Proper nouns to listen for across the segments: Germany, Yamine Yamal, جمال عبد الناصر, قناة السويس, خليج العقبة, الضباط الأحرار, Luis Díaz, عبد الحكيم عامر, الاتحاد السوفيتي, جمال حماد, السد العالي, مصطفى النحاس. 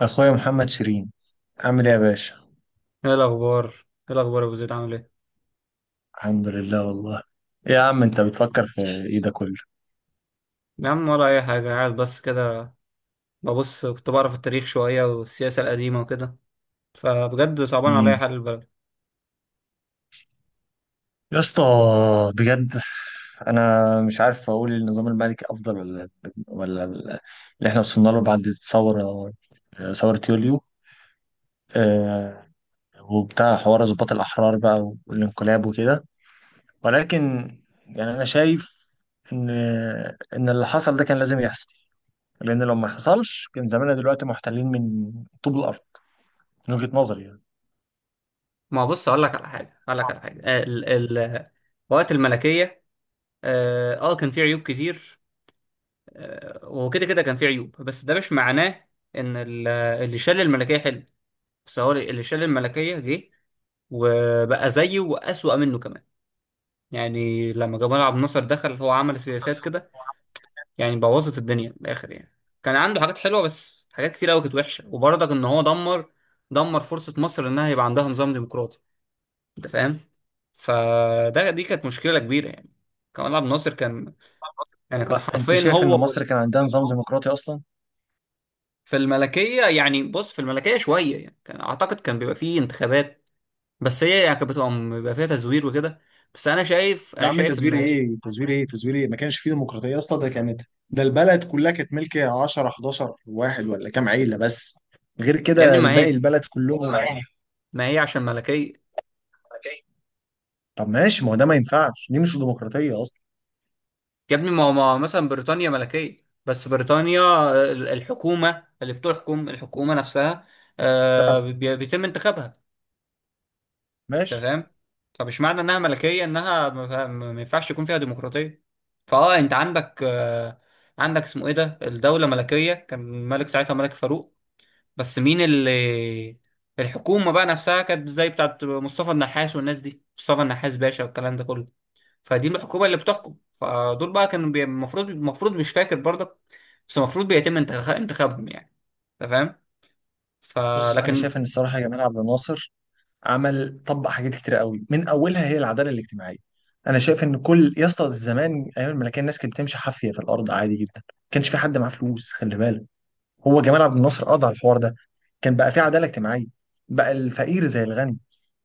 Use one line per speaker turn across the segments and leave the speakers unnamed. اخويا محمد شيرين، عامل ايه يا باشا؟
ايه الاخبار ايه الاخبار يا ابو زيد، عامل ايه؟
الحمد لله والله. إيه يا عم، انت بتفكر في ايه ده كله؟
يا عم ولا اي حاجه، قاعد بس كده ببص. كنت بعرف التاريخ شويه والسياسه القديمه وكده، فبجد صعبان عليا
امم
حال البلد.
يا اسطى، بجد، انا مش عارف اقول النظام الملكي افضل ولا اللي احنا وصلنا له بعد الثوره، ثوره يوليو، آه، وبتاع حوار ضباط الاحرار بقى والانقلاب وكده. ولكن يعني انا شايف ان ان اللي حصل ده كان لازم يحصل، لان لو ما حصلش كان زماننا دلوقتي محتلين من طوب الارض، من وجهه نظري يعني.
ما بص، اقول لك على حاجه، ال ال وقت الملكيه كان في عيوب كتير. وكده كان في عيوب، بس ده مش معناه ان اللي شال الملكيه حلو، بس هو اللي شال الملكيه جه وبقى زيه واسوأ منه كمان. يعني لما جمال عبد الناصر دخل، هو عمل سياسات كده يعني بوظت الدنيا من الاخر يعني. كان عنده حاجات حلوه بس حاجات كتير قوي كانت وحشه، وبرضك ان هو دمر فرصه مصر انها يبقى عندها نظام ديمقراطي، انت فاهم؟ فده دي كانت مشكله كبيره يعني. كمال عبد الناصر كان، يعني كان
هو انت
حرفيا
شايف ان
هو
مصر
وال...
كان عندها نظام ديمقراطي اصلا؟
في الملكيه يعني بص، في الملكيه شويه يعني كان اعتقد كان بيبقى فيه انتخابات، بس هي يعني كانت بتبقى فيها تزوير وكده. بس انا شايف
يا
انا
عم،
شايف
تزوير
ان...
ايه؟ تزوير ايه؟ تزوير ايه؟ ما كانش فيه ديمقراطيه يا اسطى. ده البلد كلها كانت ملك 10 11 واحد ولا كام عيله بس، غير
يا ابني
كده
ما
الباقي
هي
البلد كلهم عيله.
ما هي عشان ملكيه.
طب ماشي، ما هو ده ما ينفعش، دي مش ديمقراطيه اصلا.
يا ابني ما هو مثلا بريطانيا ملكية، بس بريطانيا الحكومة اللي بتحكم الحكومة نفسها، بيتم انتخابها،
ماشي.
تمام؟ فمش معنى انها ملكية انها ما ينفعش يكون فيها ديمقراطية. انت عندك، عندك اسمه ايه ده، الدولة ملكية كان الملك ساعتها ملك فاروق، بس مين اللي... الحكومة بقى نفسها كانت زي بتاعت مصطفى النحاس والناس دي، مصطفى النحاس باشا والكلام ده كله، فدي الحكومه اللي بتحكم. فدول بقى كانوا المفروض مش فاكر برضك، بس المفروض بيتم انتخابهم يعني، انت فاهم؟
بص، انا
فلكن...
شايف ان الصراحه جمال عبد الناصر عمل طبق حاجات كتير قوي، من اولها هي العداله الاجتماعيه. انا شايف ان كل، يا اسطى، زمان ايام الملكيه الناس كانت بتمشي حافيه في الارض عادي جدا، ما كانش في حد معاه فلوس، خلي بالك. هو جمال عبد الناصر قضى على الحوار ده، كان بقى في عداله اجتماعيه، بقى الفقير زي الغني،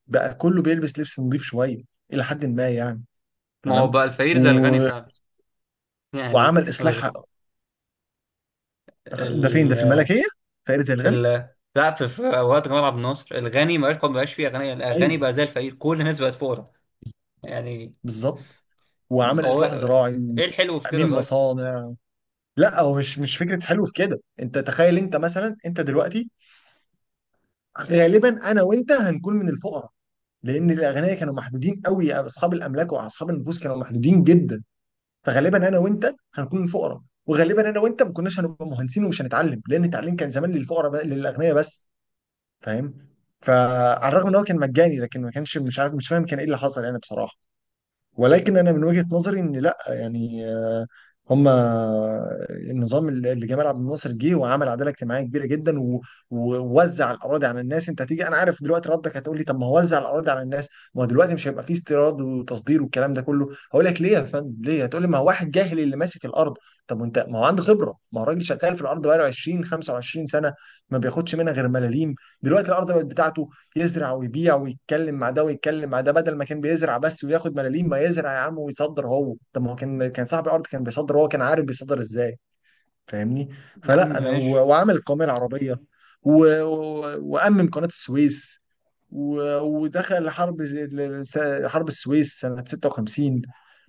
بقى كله بيلبس لبس نظيف شويه، الى حد ما يعني.
ما هو
تمام.
بقى الفقير زي
و...
الغني فعلا، يعني
وعمل
ال...
اصلاح. ده فين؟ ده في
ال...
الملكيه فقير زي
في
الغني؟
ال... لا، في اوقات جمال عبد الناصر الغني ما بقاش فيه اغنياء، الغني
ايوه،
بقى زي الفقير، كل الناس بقت فقراء يعني.
بالظبط. وعمل
هو
اصلاح زراعي
ايه الحلو في كده
وتامين
طيب؟
مصانع. لا، هو مش فكره حلو في كده. انت تخيل، انت مثلا، انت دلوقتي غالبا انا وانت هنكون من الفقراء، لان الاغنياء كانوا محدودين قوي، اصحاب الاملاك واصحاب النفوس كانوا محدودين جدا. فغالبا انا وانت هنكون فقراء، وغالبا انا وانت ما كناش هنبقى مهندسين ومش هنتعلم، لان التعليم كان زمان للاغنياء بس. فاهم. فعلى الرغم ان هو كان مجاني لكن ما كانش، مش عارف، مش فاهم كان ايه اللي حصل يعني بصراحه. ولكن انا من وجهة نظري، ان لا يعني، هما النظام اللي جمال عبد الناصر جه وعمل عداله اجتماعيه كبيره جدا ووزع الاراضي على الناس. انت هتيجي، انا عارف دلوقتي ردك، هتقول لي طب ما هو وزع الاراضي على الناس، ما هو دلوقتي مش هيبقى فيه استيراد وتصدير والكلام ده كله. هقول لك ليه يا فندم. ليه؟ هتقول لي ما هو واحد جاهل اللي ماسك الارض. طب وانت ما هو عنده خبره، ما هو راجل شغال في الارض بقاله 20 25 سنه، ما بياخدش منها غير ملاليم. دلوقتي الارض بقت بتاعته، يزرع ويبيع ويتكلم مع ده ويتكلم مع ده، بدل ما كان بيزرع بس وياخد ملاليم. ما يزرع يا عم ويصدر هو. طب ما هو كان صاحب الارض كان بيصدر، هو كان عارف بيصدر ازاي. فاهمني.
يا عم
فلا، انا
ماشي،
وعمل القوميه العربيه و... و... وامم قناه السويس و... ودخل حرب حرب السويس سنه 56.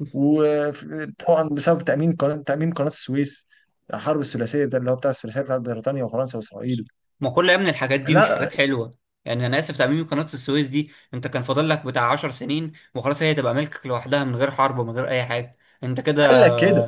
وطبعا بسبب تامين قناه السويس، الحرب الثلاثيه ده اللي هو بتاع الثلاثيه بتاعت بريطانيا وفرنسا واسرائيل.
ما كل يا ابني الحاجات دي مش
لا،
حاجات حلوه يعني، انا اسف. تعميم قناه السويس دي، انت كان فاضل لك بتاع 10 سنين وخلاص هي تبقى ملكك لوحدها من غير حرب ومن غير اي حاجه، انت
قال
كده؟
لك كده.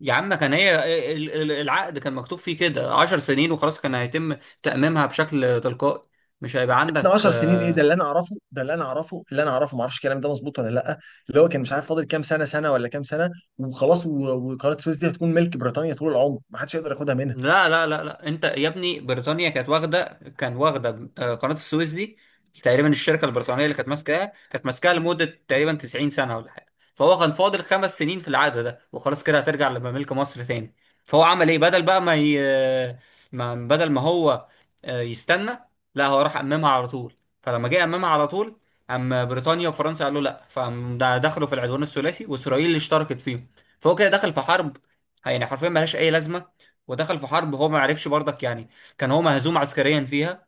يا عم كان هي العقد كان مكتوب فيه كده 10 سنين وخلاص، كان هيتم تأميمها بشكل تلقائي، مش هيبقى
ده
عندك.
10 سنين ايه؟ ده اللي انا اعرفه، اللي انا اعرفه، ما اعرفش الكلام ده مظبوط ولا لا. اللي هو كان مش عارف فاضل كام سنه ولا كام سنه، وخلاص. وقناه السويس دي هتكون ملك بريطانيا طول العمر، ما حدش يقدر ياخدها منها.
لا لا لا لا، انت يا ابني بريطانيا كانت واخده قناه السويس دي تقريبا، الشركه البريطانيه اللي كانت ماسكاها لمده تقريبا 90 سنه ولا حاجه، فهو كان فاضل 5 سنين في العقد ده وخلاص، كده هترجع لملك مصر تاني. فهو عمل ايه بدل بقى ما، بدل ما هو يستنى، لا هو راح اممها على طول، فلما جه اممها على طول اما بريطانيا وفرنسا قالوا لا، فقام ده دخلوا في العدوان الثلاثي واسرائيل اللي اشتركت فيهم. فهو كده دخل في حرب، يعني حرفيا ملهاش اي لازمه، ودخل في حرب هو ما عرفش برضك يعني. كان هو مهزوم عسكريا فيها،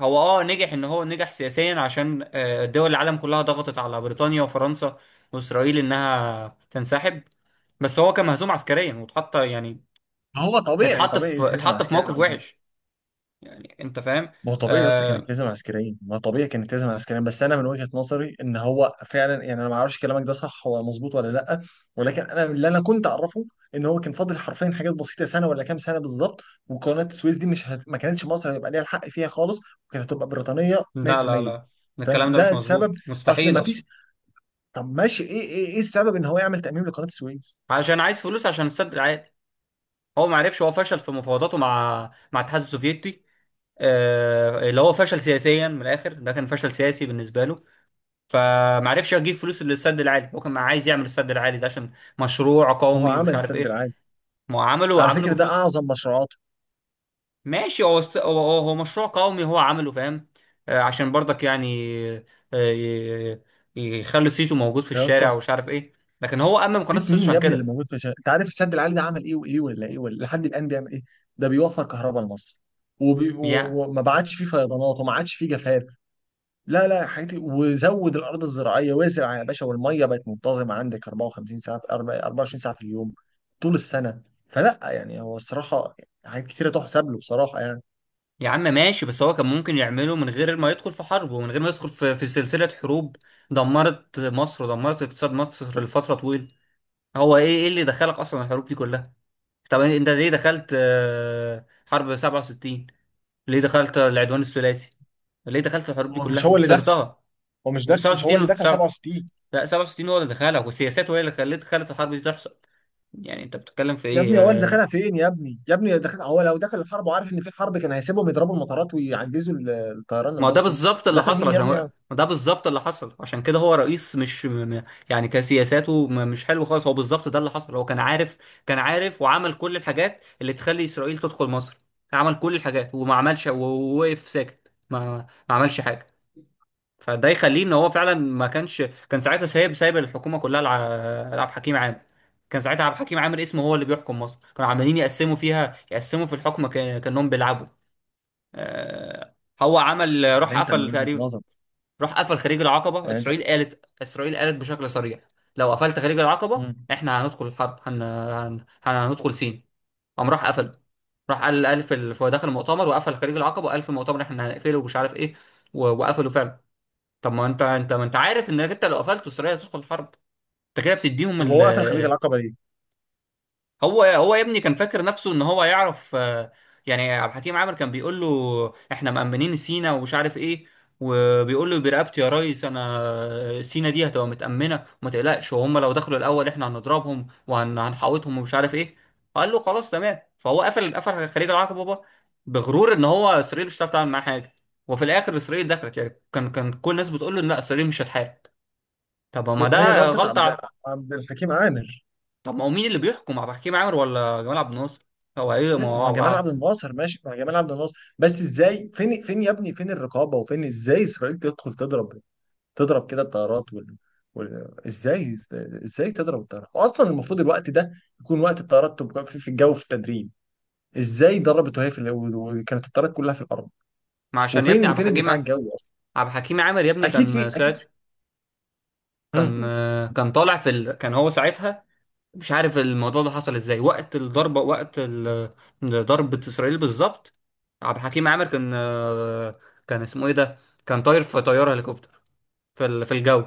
هو نجح، ان هو نجح سياسيا عشان دول العالم كلها ضغطت على بريطانيا وفرنسا واسرائيل انها تنسحب، بس هو كان مهزوم عسكريا واتحط يعني،
هو طبيعي
اتحط
طبيعي
في
يتهزم
اتحط في
عسكريا.
موقف وحش، يعني انت فاهم؟
ما هو طبيعي اصلا كانت
آه
لازم عسكريين، ما هو طبيعي كانت لازم عسكريين. بس انا من وجهة نظري ان هو فعلا يعني، انا ما اعرفش كلامك ده صح ولا مظبوط ولا لا. ولكن انا كنت اعرفه ان هو كان فاضل حرفيا حاجات بسيطه، سنه ولا كام سنه بالظبط. وقناه السويس دي مش هت... ما كانتش مصر هيبقى ليها الحق فيها خالص، وكانت هتبقى بريطانيه
لا لا
100%.
لا
فاهم
الكلام ده
ده
مش
السبب.
مظبوط
اصل
مستحيل
ما
اصلا.
فيش. طب ماشي، ايه السبب ان هو يعمل تأميم لقناه السويس؟
عشان عايز فلوس عشان السد العالي، هو ما عرفش، هو فشل في مفاوضاته مع الاتحاد السوفيتي، اللي هو فشل سياسيا من الاخر، ده كان فشل سياسي بالنسبه له، فمعرفش اجيب فلوس للسد العالي. هو كان عايز يعمل السد العالي ده عشان مشروع
ما هو
قومي ومش
عمل
عارف
السد
ايه.
العالي.
ما هو عمله
على
عمله
فكره ده
بفلوس،
اعظم مشروعاته.
ماشي، هو هو مشروع قومي، هو عمله، فاهم؟ عشان برضك يعني، آه، ي- يخلي صيته موجود في
يا
الشارع
اسطى،
ومش عارف ايه، لكن هو أمم قناة
نسيت
السويس
مين
عشان
يا ابني اللي
كده.
موجود انت عارف السد العالي ده عمل ايه وايه ولا ايه ولا لحد الان بيعمل ايه؟ ده بيوفر كهرباء لمصر،
يا
وما بعتش فيه فيضانات وما عادش فيه جفاف. لا لا حياتي، وزود الارض الزراعيه وازرع يا باشا، والميه بقت منتظمه عندك 54 ساعه في أربع- 24 ساعه في اليوم طول السنه. فلا يعني هو الصراحه حاجات كتيره تحسب له بصراحه يعني.
يا عم ماشي، بس هو كان ممكن يعمله من غير ما يدخل في حرب ومن غير ما يدخل في، سلسلة حروب دمرت مصر ودمرت اقتصاد مصر لفترة طويلة. هو ايه اللي دخلك اصلا الحروب دي كلها؟ طب انت ليه دخلت حرب 67؟ ليه دخلت العدوان الثلاثي؟ ليه دخلت الحروب دي
هو مش
كلها
هو اللي دخل
وخسرتها؟
هو مش دخل مش هو
67
اللي
و-
دخل
سبعة-
67.
لا 67 هو اللي دخلها، وسياساته هي اللي خلت الحرب دي تحصل، يعني انت بتتكلم في
يا ابني
ايه
هو اللي دخلها فين؟ يا ابني، يا ابني، دخل هو لو دخل الحرب وعارف ان في حرب كان هيسيبهم يضربوا المطارات ويعجزوا الطيران
ما هو ده
المصري.
بالظبط اللي
دخل
حصل،
مين يا
عشان
ابني يعني
ما ده بالظبط اللي حصل، عشان كده هو رئيس مش يعني كسياساته مش حلو خالص. هو بالظبط ده اللي حصل، هو كان عارف، كان عارف وعمل كل الحاجات اللي تخلي اسرائيل تدخل مصر، عمل كل الحاجات وما عملش ووقف ساكت ما عملش حاجة، فده يخليه ان هو فعلا ما كانش. كان ساعتها سايب الحكومه كلها لعبد الحكيم عامر، كان ساعتها عبد الحكيم عامر اسمه هو اللي بيحكم مصر، كانوا عمالين يقسموا فيها، يقسموا في الحكم، كانهم بيلعبوا. آه، هو عمل،
يعني
راح
انت من
قفل
وجهة
تقريبا،
نظر
راح قفل خليج العقبه.
يعني انت.
اسرائيل قالت بشكل صريح، لو قفلت خليج العقبه
مم.
احنا هندخل الحرب، هندخل سين، قام راح قفل. راح قال في داخل المؤتمر وقفل خليج العقبه، وقال في المؤتمر احنا هنقفله ومش عارف ايه، وقفلوا فعلا. طب ما انت انت ما انت عارف انك انت لو قفلت اسرائيل هتدخل حرب، انت كده بتديهم
طب
ال...
هو قفل خليج العقبة ليه؟
هو يا ابني كان فاكر نفسه ان هو يعرف يعني. عبد الحكيم عامر كان بيقول له احنا مأمنين سينا ومش عارف ايه، وبيقول له برقبتي يا ريس انا سينا دي هتبقى متأمنة وما تقلقش، وهم لو دخلوا الاول احنا هنضربهم وهنحوطهم ومش عارف ايه، قال له خلاص تمام. فهو قفل خليج العقبة بقى بغرور، ان هو اسرائيل مش هتعرف تعمل معاه حاجة، وفي الاخر اسرائيل دخلت يعني، كان كل الناس بتقول له إن لا اسرائيل مش هتحارب، طب ما
طب هي
ده
غلطة
غلطة.
عبد الحكيم عامر.
طب ما هو مين اللي بيحكم، عبد الحكيم عامر ولا جمال عبد الناصر؟ هو ايه؟ ما
ما
هو
هو جمال عبد الناصر، ماشي، ما هو جمال عبد الناصر بس ازاي، فين يا ابني فين الرقابة؟ وفين ازاي اسرائيل تدخل تضرب، تضرب كده الطيارات وال... ازاي ازاي تضرب الطيارات، واصلا المفروض الوقت ده يكون وقت الطيارات تبقى في الجو في التدريب؟ ازاي ضربت وهي وكانت الطيارات كلها في الارض؟
ما، عشان يا ابني
وفين فين الدفاع الجوي اصلا؟
عبد الحكيم عامر يا ابني
اكيد
كان
في اكيد.
ساعتها، كان
امم
كان طالع في ال... كان هو ساعتها مش عارف الموضوع ده حصل ازاي وقت الضربة، وقت ال... ضربة اسرائيل بالظبط. عبد الحكيم عامر كان اسمه ايه ده، كان طاير في طيارة هليكوبتر في في الجو،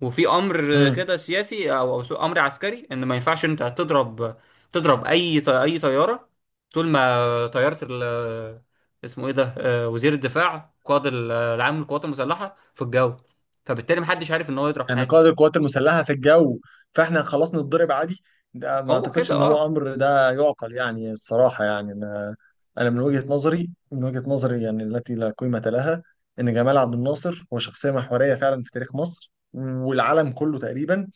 وفي امر
امم
كده سياسي او أو امر عسكري، ان ما ينفعش انت تضرب، تضرب اي اي طياره، طول ما طياره ال... اسمه ايه ده وزير الدفاع قائد العام للقوات المسلحه في الجو، فبالتالي محدش عارف ان هو يضرب
يعني
حاجه.
قائد القوات المسلحه في الجو، فاحنا خلاص نتضرب عادي؟ ده ما
هو
اعتقدش
كده
ان هو امر ده يعقل يعني الصراحه يعني انا. انا من وجهه نظري يعني التي لا قيمه لها، ان جمال عبد الناصر هو شخصيه محوريه فعلا في تاريخ مصر والعالم كله تقريبا.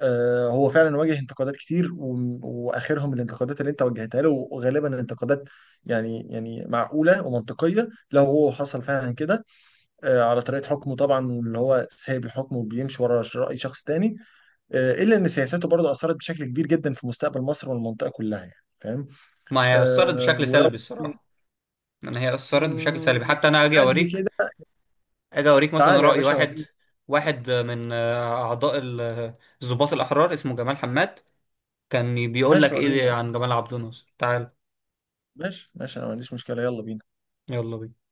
هو فعلا واجه انتقادات كتير واخرهم الانتقادات اللي انت وجهتها له، وغالبا انتقادات يعني معقوله ومنطقيه لو هو حصل فعلا كده. على طريقه حكمه طبعا اللي هو سايب الحكم وبيمشي ورا راي شخص تاني. الا ان سياساته برضه اثرت بشكل كبير جدا في مستقبل مصر والمنطقه كلها يعني، فاهم؟
ما هي اثرت بشكل
ولو
سلبي الصراحه، يعني هي اثرت بشكل سلبي، حتى انا
مش
اجي
قد
اوريك،
كده.
اجي اوريك مثلا
تعالى يا
راي
باشا
واحد،
وريني.
واحد من اعضاء الضباط الاحرار اسمه جمال حماد، كان بيقول
ماشي،
لك
وريني
ايه
أنا.
عن جمال عبد الناصر؟ تعال،
ماشي ماشي، انا ما عنديش مشكله. يلا بينا.
يلا بينا.